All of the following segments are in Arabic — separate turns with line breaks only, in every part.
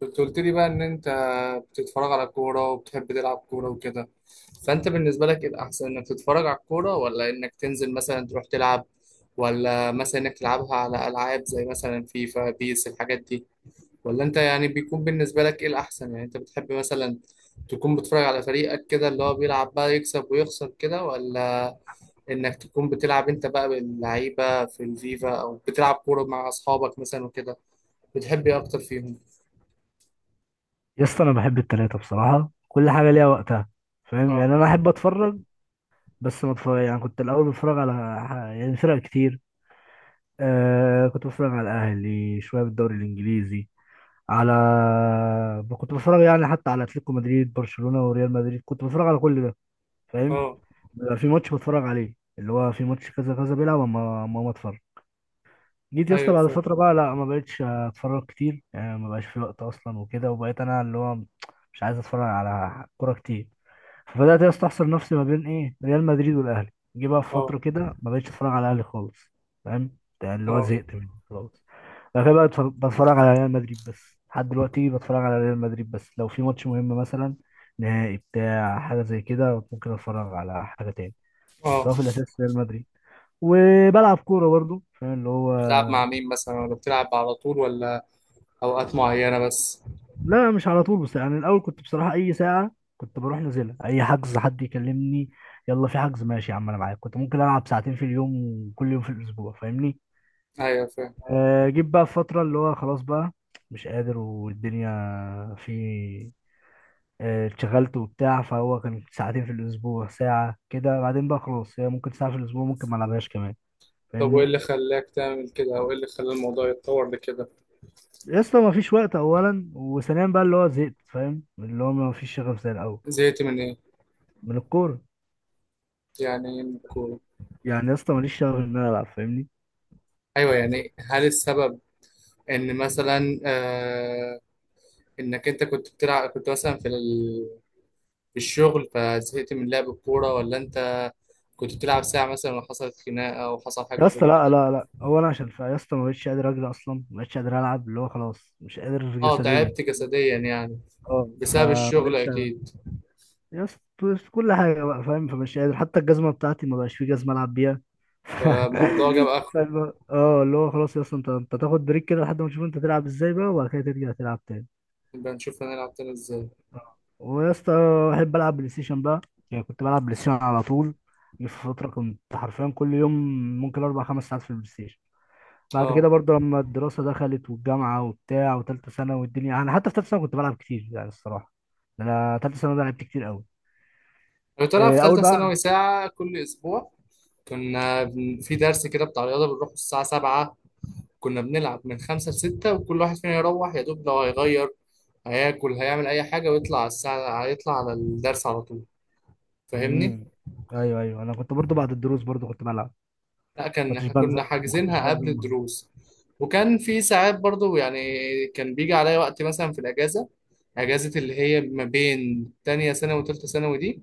كنت قلت لي بقى ان انت بتتفرج على كورة وبتحب تلعب كورة وكده. فانت بالنسبة لك ايه الاحسن، انك تتفرج على الكورة، ولا انك تنزل مثلا تروح تلعب، ولا مثلا انك تلعبها على العاب زي مثلا فيفا بيس الحاجات دي؟ ولا انت يعني بيكون بالنسبة لك ايه الاحسن، يعني انت بتحب مثلا تكون بتتفرج على فريقك كده اللي هو بيلعب بقى يكسب ويخسر كده، ولا انك تكون بتلعب انت بقى باللعيبة في الفيفا او بتلعب كورة مع اصحابك مثلا وكده؟ بتحب ايه اكتر فيهم؟
يا اسطى انا بحب التلاتة بصراحة، كل حاجة ليها وقتها. فاهم؟
اه.
يعني انا احب اتفرج. بس ما اتفرج، يعني كنت الاول بتفرج على يعني فرق كتير. آه كنت بتفرج على الاهلي شوية بالدوري الانجليزي، على... كنت بتفرج يعني حتى على اتلتيكو مدريد، برشلونة، وريال مدريد، كنت بتفرج على كل ده، فاهم؟
اه.
بيبقى في ماتش بتفرج عليه، اللي هو في ماتش كذا كذا بيلعب، اما ما اتفرج. جيت يا اسطى
ايوه
بعد
فاهم.
فترة بقى، لا، ما بقتش اتفرج كتير يعني، ما بقاش في وقت اصلا وكده، وبقيت انا اللي هو مش عايز اتفرج على كورة كتير. فبدات يا اسطى احصر نفسي ما بين ايه، ريال مدريد والاهلي. جه بقى في
اه.
فتره كده ما بقتش اتفرج على الاهلي خالص، فاهم؟ يعني اللي هو
اه.
زهقت منه خلاص. بعد كده بقى بتفرج على ريال مدريد بس، لحد دلوقتي بتفرج على ريال مدريد بس، لو في ماتش مهم مثلا، نهائي بتاع حاجه زي كده، ممكن اتفرج على حاجه تاني. بس
اه.
هو في الاساس ريال مدريد. وبلعب كوره برضه، فاهم اللي هو.
بتلعب مع مين مثلا، ولا بتلعب على طول، ولا اوقات معينة بس؟
لا، مش على طول بس، يعني الاول كنت بصراحه اي ساعه كنت بروح نازلها، اي حجز، حد يكلمني يلا في حجز، ماشي يا عم انا معاك، كنت ممكن العب ساعتين في اليوم وكل يوم في الاسبوع، فاهمني؟
ايوه فاهم.
جيت بقى في فتره اللي هو خلاص بقى مش قادر والدنيا في... اتشغلت وبتاع، فهو كان ساعتين في الاسبوع، ساعه كده، بعدين بقى خلاص هي ممكن ساعه في الاسبوع، ممكن ما العبهاش كمان،
طب وايه
فاهمني؟
اللي خلاك تعمل كده، او ايه اللي خلى الموضوع يتطور لكده؟
يا اسطى ما فيش وقت اولا، وثانيا بقى اللي هو زهقت، فاهم؟ اللي هو ما فيش شغف زي الاول.
زهقت من ايه؟
من الكوره.
يعني ايه من الكورة؟
يعني يا اسطى ماليش شغف ان انا العب، فاهمني؟
ايوه، يعني هل السبب ان مثلا انك انت كنت بتلعب، كنت مثلا في في الشغل فزهقت من لعب الكورة، ولا انت كنت بتلعب ساعة مثلا وحصلت خناقة وحصل حاجة
يا
زي
اسطى لا
كده؟
لا لا، هو انا عشان يا اسطى ما بقتش قادر اجري اصلا، ما بقتش قادر العب، اللي هو خلاص مش قادر
اه،
جسديا.
تعبت جسديا يعني.
اه
بسبب
فما
الشغل
بقتش ألعب.
اكيد.
يا اسطى كل حاجه بقى فاهم، فمش قادر، حتى الجزمه بتاعتي ما بقاش في جزمه العب بيها.
فالموضوع جاب اخره.
اللي هو خلاص يا اسطى، انت تاخد بريك كده لحد ما تشوف انت تلعب ازاي بقى، وبعد كده ترجع تلعب تاني.
نبقى نشوف هنلعب تاني ازاي.
ويا اسطى، بحب العب بلاي ستيشن بقى، يعني كنت بلعب بلاي ستيشن على طول. جه في فتره كنت حرفيا كل يوم ممكن اربع خمس ساعات في البلاي ستيشن. بعد
اه.
كده برضه لما الدراسة دخلت والجامعة وبتاع، وتالتة سنة والدنيا. أنا حتى في تالتة سنة كنت بلعب كتير يعني الصراحة. أنا تالتة سنة ده لعبت كتير أوي.
انا طالع في
إيه، أول
ثالثه
بقى.
ثانوي ساعه كل اسبوع. في درس كده بتاع رياضه، بنروح الساعه 7. كنا بنلعب من 5 ل 6، وكل واحد فينا يروح يا دوب لو هيغير، هياكل، هيعمل اي حاجه ويطلع على الساعه، هيطلع على الدرس على طول. فاهمني.
امم. أيوه أيوه، أنا كنت برضه بعد الدروس برضه كنت بلعب.
لا،
ما
كان
كنتش
احنا
بنزل
كنا
ما كنتش
حاجزينها قبل
بنزل
الدروس. وكان في ساعات برضو يعني، كان بيجي عليا وقت مثلا في الاجازه، اجازه اللي هي ما بين تانية ثانوي وتالتة ثانوي دي.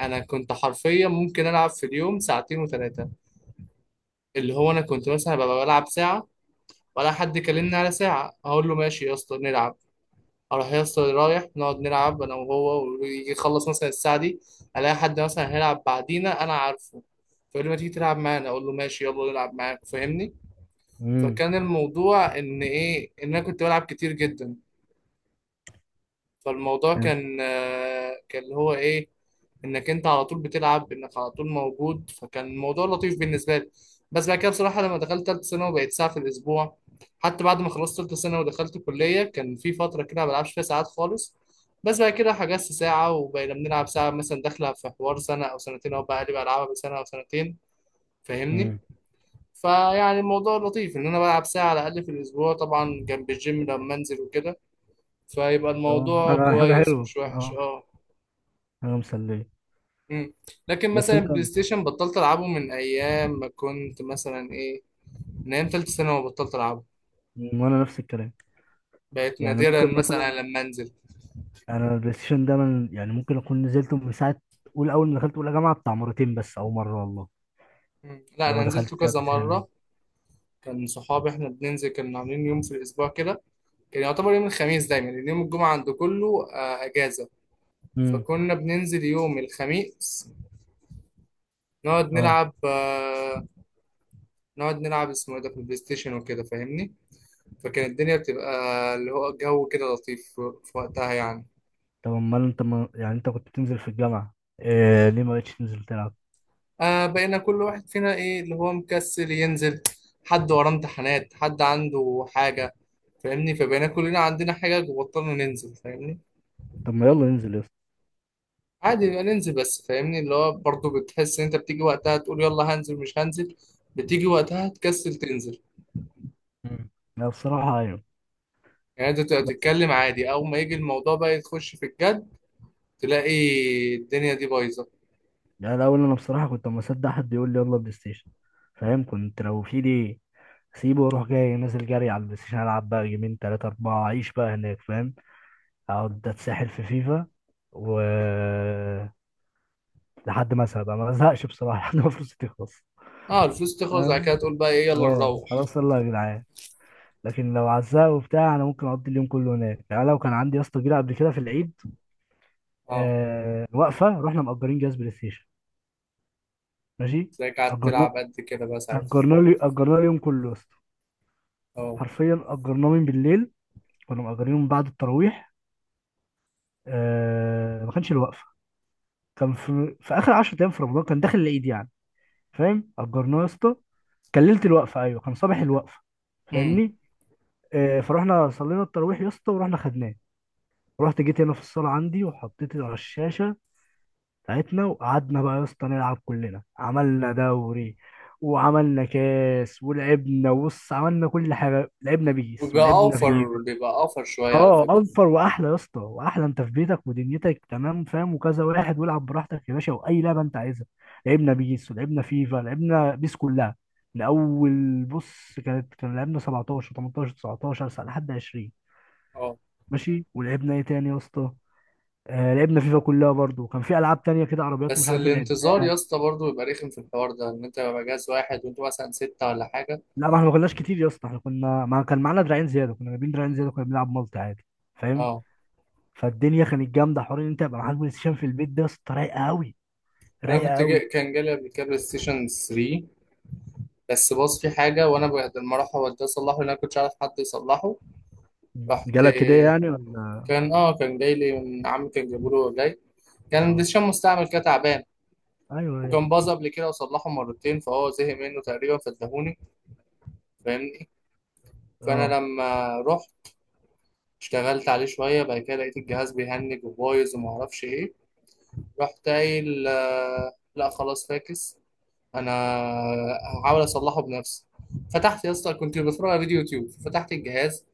انا كنت حرفيا ممكن العب في اليوم ساعتين وثلاثه. اللي هو انا كنت مثلا ببقى بلعب ساعه، ولا حد كلمني على ساعه اقول له ماشي يا اسطى نلعب. اروح يا اسطى، رايح نقعد نلعب انا وهو، ويجي يخلص مثلا الساعه دي الاقي حد مثلا هيلعب بعدينا انا عارفه، فيقول لي ما تيجي تلعب معانا، اقول له ماشي يلا نلعب معاك. فاهمني.
امم.
فكان الموضوع ان ايه، ان انا كنت بلعب كتير جدا. فالموضوع
حلو.
كان اللي هو ايه، انك انت على طول بتلعب، انك على طول موجود، فكان الموضوع لطيف بالنسبه لي. بس بعد كده بصراحه لما دخلت ثالثه ثانوي بقيت ساعه في الاسبوع. حتى بعد ما خلصت ثالثه ثانوي ودخلت كليه كان في فتره كده ما بلعبش فيها ساعات خالص. بس بعد كده حجزت ساعه وبقينا بنلعب ساعه مثلا، داخله في حوار سنه او سنتين، او بقى لي بلعبها بسنه او سنتين. فاهمني.
امم.
فيعني الموضوع لطيف ان انا بلعب ساعه على الاقل في الاسبوع، طبعا جنب الجيم لما انزل وكده. فيبقى
آه،
الموضوع
حاجة حاجة
كويس
حلوة
مش وحش.
أه.
اه.
حاجة مسلية.
مم. لكن
بس
مثلا
أنت...
البلاي ستيشن بطلت العبه من ايام ما كنت مثلا ايه، من ايام تالتة ثانوي بطلت العبه.
مم، وأنا نفس الكلام.
بقيت
يعني
نادرا
ممكن مثلا،
مثلا لما انزل.
أنا البلاي ستيشن ده من، يعني ممكن أكون نزلته من ساعة أول أول ما دخلت أولى جامعة بتاع، مرتين بس أو مرة والله.
مم. لا،
اللي هو
انا
دخلت
نزلته
فيها
كذا
بلاي ستيشن.
مره. كان صحابي احنا بننزل، كنا عاملين يوم في الاسبوع كده. كان يعتبر يوم الخميس دايما، لان يوم الجمعه عند كله اجازه. فكنا بننزل يوم الخميس نقعد
اه.
نلعب، نقعد نلعب اسمه ايه ده في البلاي ستيشن وكده. فاهمني. فكان الدنيا بتبقى اللي هو جو كده لطيف في وقتها يعني.
طب امال انت ما... يعني انت كنت بتنزل في الجامعة، إيه ليه ما بقتش تنزل تلعب؟
بقينا كل واحد فينا ايه، اللي هو مكسل ينزل، حد وراه امتحانات، حد عنده حاجة. فاهمني. فبقينا كلنا عندنا حاجة وبطلنا ننزل. فاهمني.
طب ما يلا ننزل يا اسطى.
عادي بقى ننزل، بس فاهمني اللي هو برضه بتحس ان انت بتيجي وقتها تقول يلا هنزل مش هنزل. بتيجي وقتها تكسل تنزل.
مم. لا بصراحة ايوه،
يعني انت تبقى
بس
تتكلم عادي، اول ما يجي الموضوع بقى تخش في الجد تلاقي الدنيا دي بايظة.
يعني الاول انا بصراحة كنت اما اصدق حد يقول لي يلا بلاي ستيشن فاهم، كنت لو في لي سيبه واروح جاي نازل جري على البلاي ستيشن العب بقى جيمين تلاتة اربعة اعيش بقى هناك، فاهم؟ اقعد اتسحل في فيفا و... لحد ما ازهق بقى، ما ازهقش بصراحة لحد ما فلوسي تخلص.
اه، الفلوس تخلص بعد
أنا-
كده تقول بقى ايه يلا
اه
نروح.
خلاص يلا يا جدعان. لكن لو عزاه وبتاع انا ممكن اقضي اليوم كله هناك. يعني لو كان عندي يا اسطى جيله قبل كده في العيد،
اه،
آه وقفه، رحنا مأجرين جهاز بلاي ستيشن، ماشي.
تلاقيك قاعد
اجرنا
تلعب قد كده بقى ساعتها.
اجرنا اليوم كله يا اسطى،
اه.
حرفيا اجرناه من بالليل، كنا مأجرينه من بعد التراويح. آه ما كانش الوقفه، كان في اخر 10 ايام في رمضان، كان داخل العيد يعني، فاهم؟ اجرناه يا اسطى. كان ليله الوقفه، ايوه كان صباح الوقفه،
امم
فاهمني؟ فرحنا صلينا التراويح يا اسطى، ورحنا خدناه. رحت جيت هنا في الصاله عندي، وحطيت على الشاشه بتاعتنا، وقعدنا بقى يا اسطى نلعب. كلنا عملنا دوري وعملنا كاس، ولعبنا بص، عملنا كل حاجه، لعبنا بيس
وبيبقى
ولعبنا
اوفر،
فيفا.
بيبقى اوفر شويه على
اه
فكره.
اوفر واحلى يا اسطى، واحلى انت في بيتك ودنيتك تمام فاهم، وكذا واحد والعب براحتك يا باشا، واي لعبه انت عايزها. لعبنا بيس ولعبنا فيفا، لعبنا بيس كلها. من اول بص، كان لعبنا 17 18 19 ساعة لحد 20،
اه،
ماشي. ولعبنا ايه تاني يا اسطى؟ لعبنا فيفا كلها برضو، كان في العاب تانية كده عربيات مش
بس
عارف
الانتظار يا
لعبنا.
اسطى برضه بيبقى رخم في الحوار ده، ان انت بيبقى جهاز واحد وانت مثلا ستة ولا حاجه.
لا، ما احنا ما كناش كتير يا اسطى، احنا كنا، ما كان معانا دراعين زياده، كنا جايبين دراعين زياده، كنا بنلعب مالتي عادي، فاهم؟
اه،
فالدنيا كانت جامده، حوار ان انت يبقى معاك بلاي ستيشن في البيت ده يا اسطى، رايقه قوي،
انا
رايقه
كنت جاي
قوي.
كان جالي قبل كده بلاي ستيشن 3، بس باظ فيه حاجه، وانا بعد ما راح اوديه اصلحه لان انا كنتش عارف حد يصلحه، رحت.
جالك كده يعني ولا؟
كان جاي لي من عمي، كان جايبه له جاي. كان بلاي
اه
ستيشن مستعمل كده تعبان.
ايوه ايوه.
وكان باظ قبل كده وصلحه مرتين، فهو زهق منه تقريبا فاداهوني. فاهم. فانا
اه.
لما رحت اشتغلت عليه شويه، بعد كده لقيت الجهاز بيهنج وبايظ وما اعرفش ايه. رحت قايل لا خلاص فاكس، انا هحاول اصلحه بنفسي. فتحت يا اسطى، كنت بتفرج على فيديو يوتيوب، فتحت الجهاز.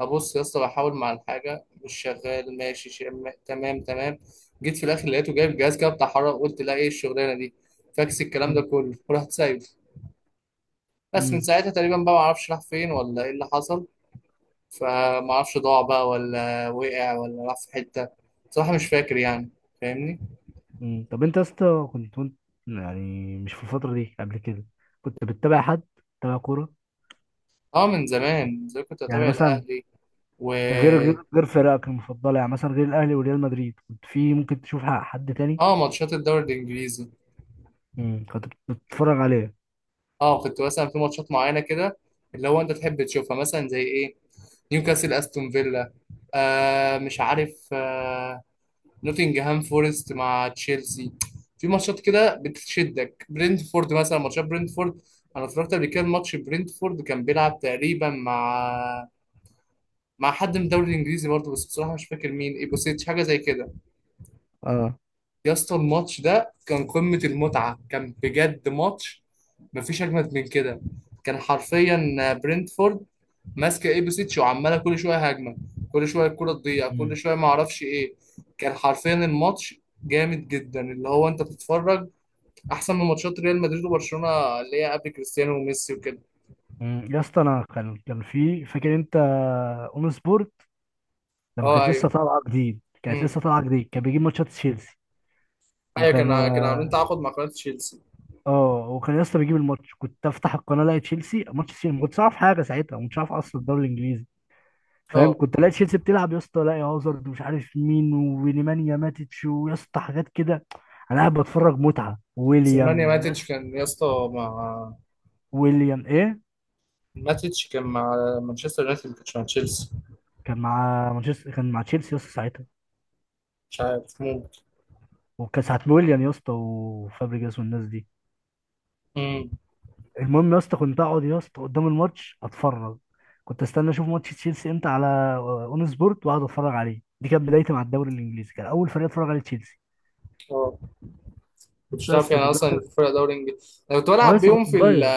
ابص يا اسطى بحاول مع الحاجه مش شغال، ماشي، تمام تمام. جيت في الاخر لقيته جايب جهاز كده بتاع حرارة، قلت لا، ايه الشغلانه دي؟ فاكس الكلام ده كله. ورحت سايبه. بس من
امم.
ساعتها تقريبا بقى ما اعرفش راح فين ولا ايه اللي حصل. فما اعرفش ضاع بقى ولا وقع ولا راح في حتة. بصراحة مش فاكر يعني. فاهمني.
أمم. طب انت يا اسطى كنت وانت، يعني مش في الفتره دي قبل كده كنت بتتابع حد، بتتابع كوره؟
اه، من زمان من زمان كنت
يعني
بتابع
مثلا،
الاهلي و.
غير فرقك المفضله، يعني مثلا غير الاهلي وريال مدريد، كنت في ممكن تشوف حد تاني؟
اه، ماتشات الدوري الانجليزي.
كنت بتتفرج عليه.
اه، كنت مثلا في ماتشات معينة كده اللي هو انت تحب تشوفها، مثلا زي ايه، نيوكاسل استون فيلا، آه مش عارف، نوتنجهام فورست مع تشيلسي. في ماتشات كده بتشدك، برينتفورد مثلا، ماتشات برينتفورد. انا اتفرجت قبل كده الماتش، برينتفورد كان بيلعب تقريبا مع حد من الدوري الانجليزي برضه، بس بصراحه مش فاكر مين، ايبوسيتش حاجه زي كده.
اه.
يا اسطى الماتش ده كان قمه المتعه، كان بجد ماتش مفيش اجمد من كده. كان حرفيا برنتفورد ماسكه ايبوسيتش وعماله كل شويه هجمه، كل شويه الكره تضيع، كل
امم.
شويه ما اعرفش ايه. كان حرفيا الماتش جامد جدا، اللي هو انت بتتفرج احسن من ماتشات ريال مدريد وبرشلونه اللي هي قبل كريستيانو وميسي وكده.
مم. يا اسطى انا كان في، فاكر انت اون سبورت لما
اه
كانت لسه
ايوه.
طالعه جديد؟ كانت
امم
لسه طالعه جديد، كان بيجيب ماتشات تشيلسي.
ايوه،
وكان
كان عاملين تعاقد مع قناه تشيلسي.
اه، وكان يا اسطى بيجيب الماتش، كنت افتح القناه الاقي تشيلسي، ماتش تشيلسي. ما كنتش اعرف حاجه ساعتها، ما كنتش اعرف اصلا الدوري الانجليزي، فاهم؟
اه،
كنت الاقي تشيلسي بتلعب يا اسطى، الاقي هازارد ومش عارف مين ونيمانيا ماتتش، ويا اسطى حاجات كده. انا قاعد بتفرج متعه،
سليمانيا
ويليام
ماتيتش
وناس.
كان يا اسطى مع،
ويليام ايه،
ماتيتش كان مع مانشستر يونايتد ما كانش مع تشيلسي.
كان مع مانشستر، كان مع تشيلسي يا اسطى ساعتها،
مش عارف، ممكن.
وكان ساعه ويليام يا اسطى وفابريجاس والناس دي.
امم
المهم يا اسطى كنت اقعد يا اسطى قدام الماتش اتفرج، كنت استنى اشوف ماتش تشيلسي امتى على اون سبورت، واقعد اتفرج عليه. دي كانت بدايتي مع الدوري الانجليزي، كان اول فريق اتفرج عليه تشيلسي.
اه، كنتش تعرف
بس
يعني اصلا
ودلوقتي.
إن في فرقه دوري انجليزي، انا كنت
اه،
بلعب
لسه
بيهم
كنت
في
صغير.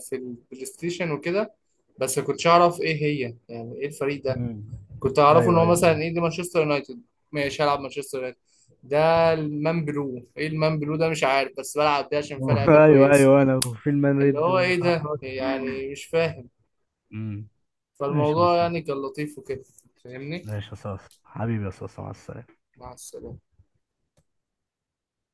في البلاي ستيشن وكده. بس ما كنتش اعرف ايه هي، يعني ايه الفريق ده.
مم.
كنت اعرفه ان
ايوه
هو
ايوه.
مثلا ايه، دي مانشستر يونايتد ماشي، هلعب مانشستر يونايتد ده. المان بلو، ايه المان بلو ده مش عارف، بس بلعب ده عشان فيها لعيبه
ايوه
كويسه.
ايوه، انا وفي المان
اللي
ريد
هو ايه ده
والقحط.
يعني، مش فاهم.
مم. ماشي يا
فالموضوع
مصطفى.
يعني كان لطيف وكده. فاهمني.
ماشي يا صاصا، حبيبي يا صاصا، مع السلامه.
مع السلامة.